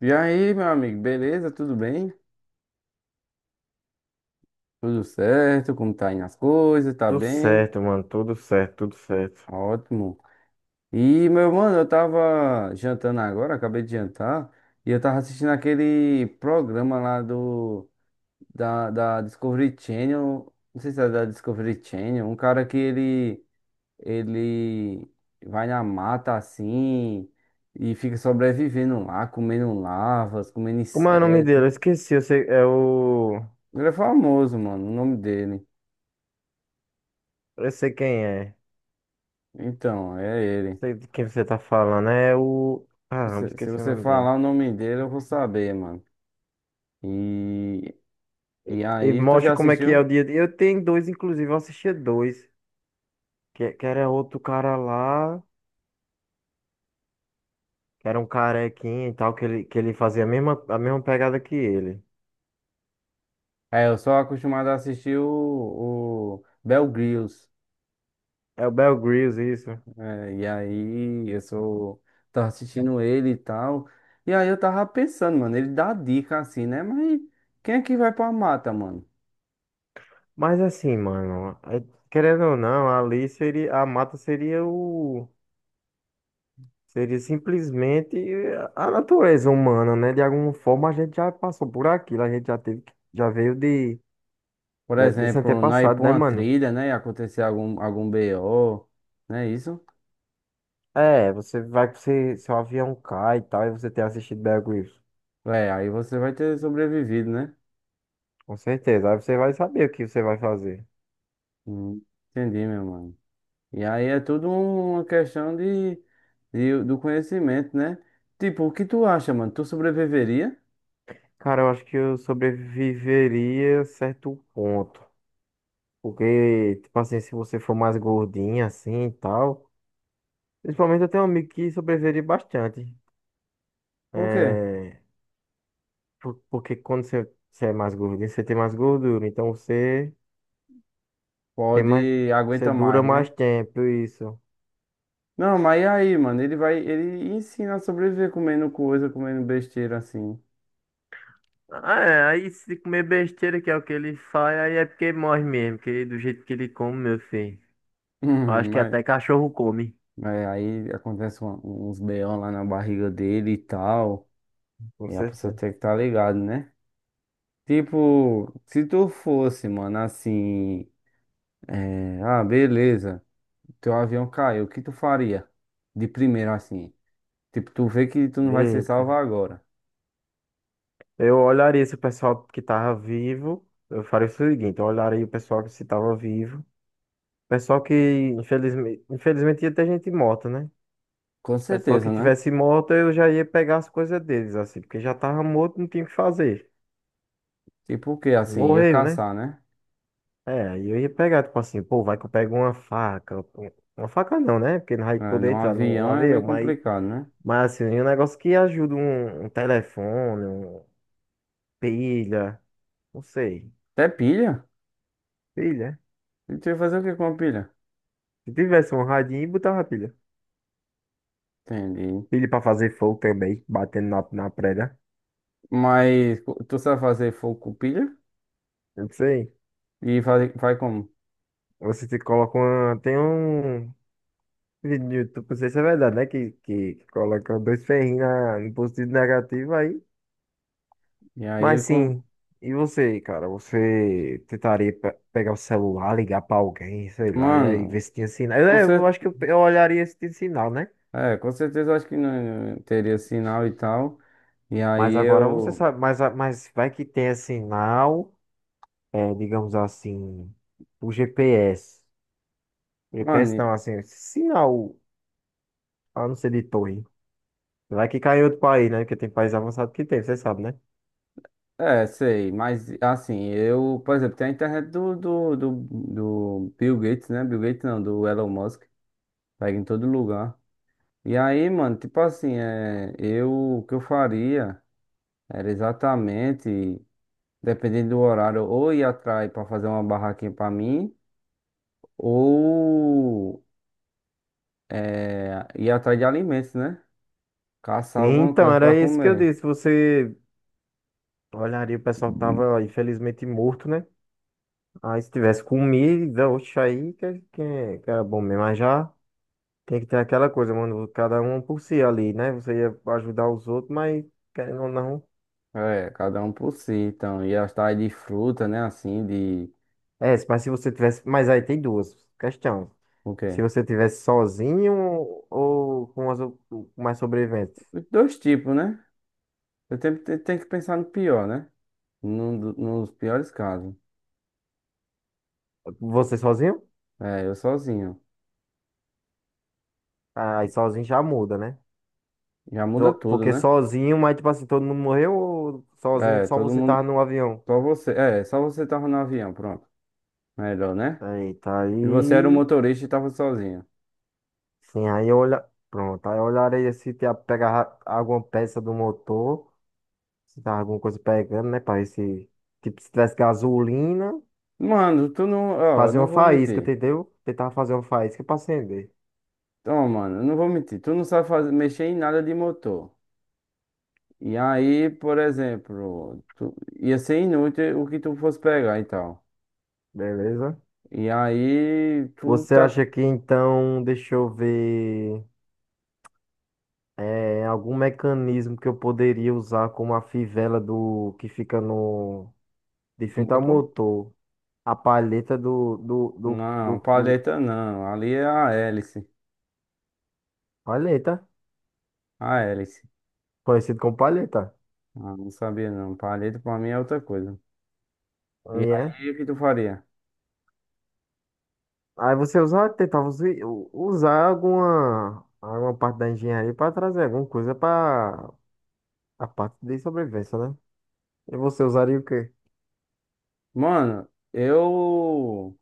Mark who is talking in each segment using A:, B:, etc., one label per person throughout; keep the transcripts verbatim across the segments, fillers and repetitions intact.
A: E aí, meu amigo, beleza? Tudo bem? Tudo certo? Como tá indo as coisas? Tá
B: Tudo
A: bem?
B: certo, mano. Tudo certo, tudo certo.
A: Ótimo. E, meu mano, eu tava jantando agora, acabei de jantar, e eu tava assistindo aquele programa lá do da, da Discovery Channel, não sei se é da Discovery Channel, um cara que ele ele vai na mata assim e fica sobrevivendo lá, comendo larvas, comendo
B: Como é o nome dele? Eu
A: inseto.
B: esqueci. Eu sei, é o.
A: Ele é famoso, mano, o nome dele.
B: Eu sei quem é.
A: Então, é ele.
B: Sei de quem você tá falando. É o. Caramba,
A: Você- se
B: esqueci o
A: você
B: nome dele.
A: falar o nome dele, eu vou saber, mano. E, e
B: E
A: aí, tu já
B: mostra como é que é
A: assistiu?
B: o dia. a dia. Eu tenho dois, inclusive. Eu assistia dois. Que, que era outro cara lá. Que era um carequinho e tal. Que ele, que ele fazia a mesma, a mesma pegada que ele.
A: É, eu sou acostumado a assistir o, o Bear Grylls.
B: É o Bear Grylls, isso.
A: É, e aí, eu sou. Tava assistindo ele e tal. E aí, eu tava pensando, mano, ele dá dica assim, né? Mas quem é que vai pra mata, mano?
B: Mas assim, mano. é- Querendo ou não, a Alice seria. A Mata seria o. Seria simplesmente a natureza humana, né? De alguma forma a gente já passou por aquilo, a gente já teve, que- já veio de,
A: Por
B: da- desse
A: exemplo, não ir
B: antepassado,
A: pra
B: né,
A: uma
B: mano?
A: trilha, né? E acontecer algum, algum B O, não é isso?
B: É, você vai que você, seu avião cai e tal, e você tem assistido Bear Grylls.
A: É, aí você vai ter sobrevivido, né?
B: Com certeza, aí você vai saber o que você vai fazer.
A: Hum, entendi, meu mano. E aí é tudo uma questão de, de- do conhecimento, né? Tipo, o que tu acha, mano? Tu sobreviveria?
B: Cara, eu acho que eu sobreviveria a certo ponto. Porque, tipo assim, se você for mais gordinha assim e tal. Principalmente eu tenho um amigo que sobreviveria bastante.
A: Por quê?
B: É, Por- Porque quando você, você é mais gordinho, você tem mais gordura. Então você tem mais.
A: Pode,
B: Você
A: aguenta
B: dura
A: mais,
B: mais
A: né?
B: tempo, isso.
A: Não, mas e aí, mano? Ele vai, ele ensina a sobreviver comendo coisa, comendo besteira assim.
B: Ah, é, aí se comer besteira, que é o que ele faz, aí é porque morre mesmo, que do jeito que ele come, meu filho. Eu acho
A: Hum,
B: que
A: Mas,
B: até cachorro come.
A: mas aí acontece uma- uns B O lá na barriga dele e tal.
B: Com
A: E a pessoa
B: certeza.
A: tem que estar tá ligado, né? Tipo, se tu fosse, mano, assim. É, ah, beleza. Teu avião caiu, o que tu faria? De primeiro, assim. Tipo, tu vê que tu não vai ser
B: Eita.
A: salvo agora.
B: Eu olharia se o pessoal que tava vivo. Eu faria o seguinte: eu olharia o pessoal que se tava vivo. Pessoal que, infelizmente, infelizmente ia ter gente morta, né?
A: Com
B: Pessoal
A: certeza,
B: que
A: né?
B: tivesse morto, eu já ia pegar as coisas deles, assim, porque já tava morto, não tinha o que fazer.
A: Tipo o quê? Assim, ia
B: Morreu, né?
A: caçar, né?
B: É, aí eu ia pegar, tipo assim, pô, vai que eu pego uma faca. um- Uma faca não, né? Porque não vai
A: É,
B: poder
A: num
B: entrar no, no
A: avião é
B: avião,
A: meio
B: mas,
A: complicado, né?
B: mas assim, um negócio que ajuda um, um telefone, um, pilha, não sei.
A: Até pilha.
B: Pilha?
A: E tu ia fazer o que com a pilha?
B: Se tivesse um radinho, botava pilha.
A: Entendi.
B: Pilha pra fazer fogo também, batendo na, na prega.
A: Mas co- tu sabe fazer fogo com pilha?
B: Não sei.
A: E vai, vai como?
B: Você te coloca uma. Tem um. E no YouTube, não sei se é verdade, né? Que, que, que colocam dois ferrinhos na- no positivo e negativo aí.
A: E aí ele
B: Mas
A: com...
B: sim, e você, cara? Você tentaria pe- pegar o celular, ligar pra alguém, sei lá, e aí ver
A: Mano,
B: se tinha sinal. Eu,
A: com
B: eu
A: cer...
B: acho que eu, pe- eu olharia se tinha sinal, né?
A: é, com certeza eu acho que não não teria sinal e tal. E aí
B: Mas agora você
A: eu...
B: sabe, mas, a- mas vai que tenha sinal, é, digamos assim, o G P S. G P S
A: Mano,
B: não, assim, sinal, a não ser de torre. Vai que cai em outro país, né? Porque tem país avançado que tem, você sabe, né?
A: é, sei, mas assim, eu, por exemplo, tem a internet do, do, do, do Bill Gates, né? Bill Gates não, do Elon Musk, pega em todo lugar. E aí, mano, tipo assim, é, eu, o que eu faria era exatamente, dependendo do horário, ou ir atrás pra fazer uma barraquinha pra mim, ou é, ir atrás de alimentos, né? Caçar alguma
B: Então,
A: coisa pra
B: era isso que eu
A: comer.
B: disse. Você olharia o pessoal que tava infelizmente morto, né? Aí se tivesse comida, oxe, aí que, é, que, é, que era bom mesmo. Mas já tem que ter aquela coisa, mano. Cada um por si ali, né? Você ia ajudar os outros, mas querendo ou não.
A: É, cada um por si, então, ir atrás de fruta, né? Assim, de.
B: É, mas se você tivesse. Mas aí tem duas questões.
A: O
B: Se
A: quê?
B: você tivesse sozinho ou com as, ou- com mais sobreviventes.
A: Dois tipos, né? Eu tenho, te- tenho que pensar no pior, né? Num do- nos piores casos.
B: Você sozinho?
A: É, eu sozinho.
B: Aí sozinho já muda, né?
A: Já muda
B: So-
A: tudo,
B: Porque
A: né?
B: sozinho, mas tipo assim, todo mundo morreu ou sozinho,
A: É,
B: só
A: todo
B: você tava
A: mundo.
B: no avião?
A: Só você. É, só você tava no avião, pronto. Melhor, né?
B: Eita,
A: E você era o
B: aí.
A: motorista e tava sozinho.
B: Sim, aí eu olha. Pronto, aí eu olharei se tinha pegar alguma peça do motor, se tava alguma coisa pegando, né? Pra ver se. Tipo, se tivesse gasolina,
A: Mano, tu não. Ó,
B: fazer
A: não
B: uma
A: vou
B: faísca,
A: mentir.
B: entendeu? Tentar fazer uma faísca pra acender.
A: Então, mano, eu não vou mentir. Tu não sabe fazer, mexer em nada de motor. E aí, por exemplo, tu, ia ser inútil o que tu fosse pegar e tal.
B: Beleza?
A: E aí, tu
B: Você
A: tá.
B: acha que então, deixa eu ver. É, algum mecanismo que eu poderia usar como a fivela do que fica no. De
A: Como
B: frente
A: é
B: ao
A: que é?
B: motor, a palheta do, do, do,
A: Não,
B: do, do-
A: palheta não. Ali é a hélice.
B: palheta,
A: A hélice.
B: conhecido como palheta.
A: Ah, não sabia não. Palheta pra mim é outra coisa. E
B: Aí é.
A: aí, o que tu faria?
B: Aí você usa, tentava usi- u- usar alguma, alguma parte da engenharia para trazer alguma coisa para a parte de sobrevivência, né? E você usaria o quê?
A: Mano, eu.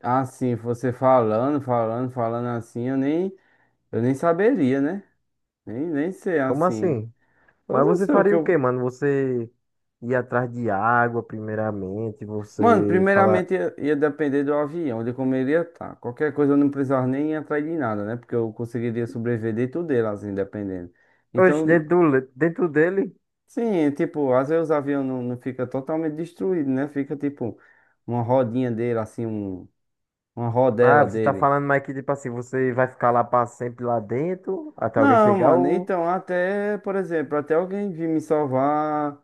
A: Assim, você falando, falando, falando assim, eu nem. Eu nem saberia, né? Nem, nem sei
B: Como
A: assim.
B: assim?
A: Eu
B: Mas
A: não
B: você
A: sei o que
B: faria o
A: eu.
B: quê, mano? Você ia atrás de água, primeiramente,
A: Mano,
B: você falar,
A: primeiramente ia, ia depender do avião, de como ele ia estar. Qualquer coisa eu não precisava nem ir atrás de nada, né? Porque eu conseguiria sobreviver de tudo dele, assim, dependendo.
B: oxe,
A: Então,
B: dentro, do le- dentro dele.
A: sim, tipo, às vezes o avião não, não fica totalmente destruído, né? Fica tipo uma rodinha dele, assim, um, uma
B: Ah,
A: rodela
B: você tá
A: dele.
B: falando, mas que tipo assim, você vai ficar lá pra sempre lá dentro, até alguém
A: Não,
B: chegar
A: mano,
B: ou...
A: então até, por exemplo, até alguém vir me salvar,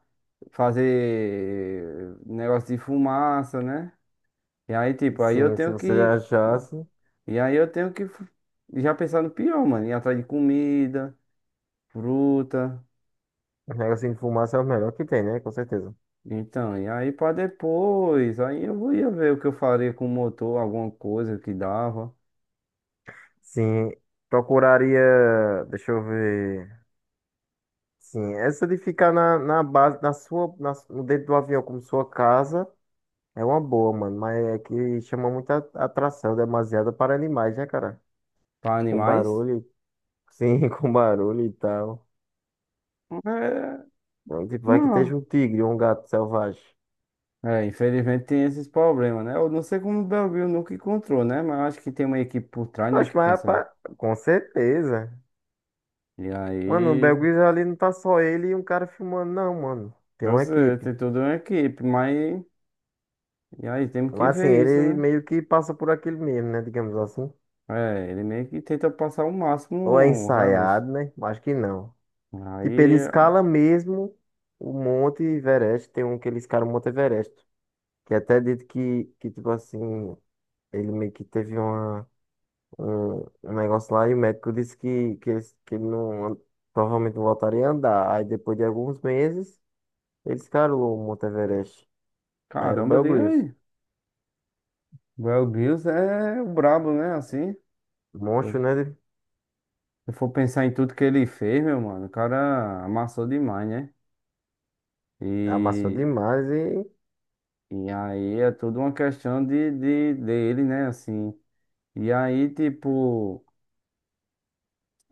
A: fazer negócio de fumaça, né? E aí, tipo, aí eu
B: Sim, se
A: tenho
B: você
A: que.
B: achasse, o
A: E aí eu tenho que fu- já pensar no pior, mano. Ir atrás de comida, fruta.
B: negocinho de fumaça é o melhor que tem, né? Com certeza.
A: Então, e aí pra depois, aí eu ia ver o que eu faria com o motor, alguma coisa que dava.
B: Sim, procuraria... Deixa eu ver... Sim, essa de ficar na, na base, na sua, na, no dentro do avião como sua casa, é uma boa, mano. Mas é que chama muita atração, demasiada para animais, né, cara?
A: Para
B: Com
A: animais?
B: barulho, sim, com barulho e tal.
A: É,
B: Então, tipo, vai que
A: não.
B: esteja um tigre ou um gato selvagem.
A: É, infelizmente tem esses problemas, né? Eu não sei como o Belville nunca encontrou, né? Mas eu acho que tem uma equipe por trás, né?
B: Oxe,
A: Que
B: mas
A: consegue.
B: rapaz, com certeza.
A: E
B: Mano, o
A: aí,
B: Belguiz ali não tá só ele e um cara filmando, não, mano. Tem
A: eu
B: uma
A: sei,
B: equipe.
A: tem toda uma equipe, mas. E aí, temos que
B: Mas assim,
A: ver isso,
B: ele
A: né?
B: meio que passa por aquilo mesmo, né? Digamos assim.
A: É, ele meio que tenta passar o
B: Ou é
A: máximo realista.
B: ensaiado, né? Acho que não. Tipo, ele
A: Aí,
B: escala mesmo o Monte Everest. Tem um que ele escala o Monte Everest. Que é até dito que, que tipo assim, ele meio que teve uma, um, um negócio lá e o médico disse que, que, ele, que ele não, provavelmente não voltaria a andar. Aí depois de alguns meses. Eles caram o Monte Everest. Aí era o
A: caramba,
B: Bear
A: diga
B: Grylls.
A: aí. Belville é o brabo, né? Assim, se
B: Monstro, né?
A: eu for pensar em tudo que ele fez, meu mano, o cara amassou demais, né?
B: Amassou
A: E.
B: demais e.
A: E aí é tudo uma questão de, de dele, né? Assim. E aí, tipo,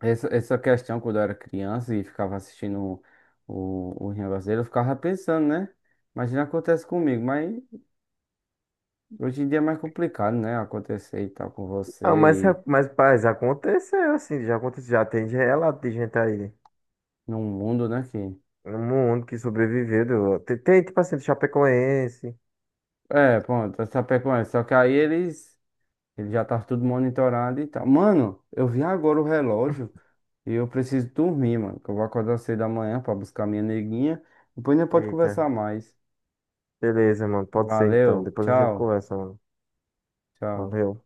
A: essa, essa questão quando eu era criança e ficava assistindo o, o negócio dele, eu ficava pensando, né? Imagina acontece comigo, mas hoje em dia é mais complicado, né? Acontecer e tal com
B: Ah, mas, é,
A: você e
B: mas, paz, aconteceu assim. Já aconteceu. Já tem de relato de gente aí né?
A: num mundo, né? Que...
B: No mundo que sobreviveu. do- Tem, tem, tipo assim, do Chapecoense.
A: É, pronto, essa pecuária. Só que aí eles, ele já tá tudo monitorado e tal. Mano, eu vi agora o relógio. E eu preciso dormir, mano, que eu vou acordar cedo amanhã pra buscar minha neguinha. Depois a gente pode
B: Eita.
A: conversar mais.
B: Beleza, mano. Pode ser então.
A: Valeu,
B: Depois a gente
A: tchau,
B: conversa, mano.
A: tchau.
B: Valeu.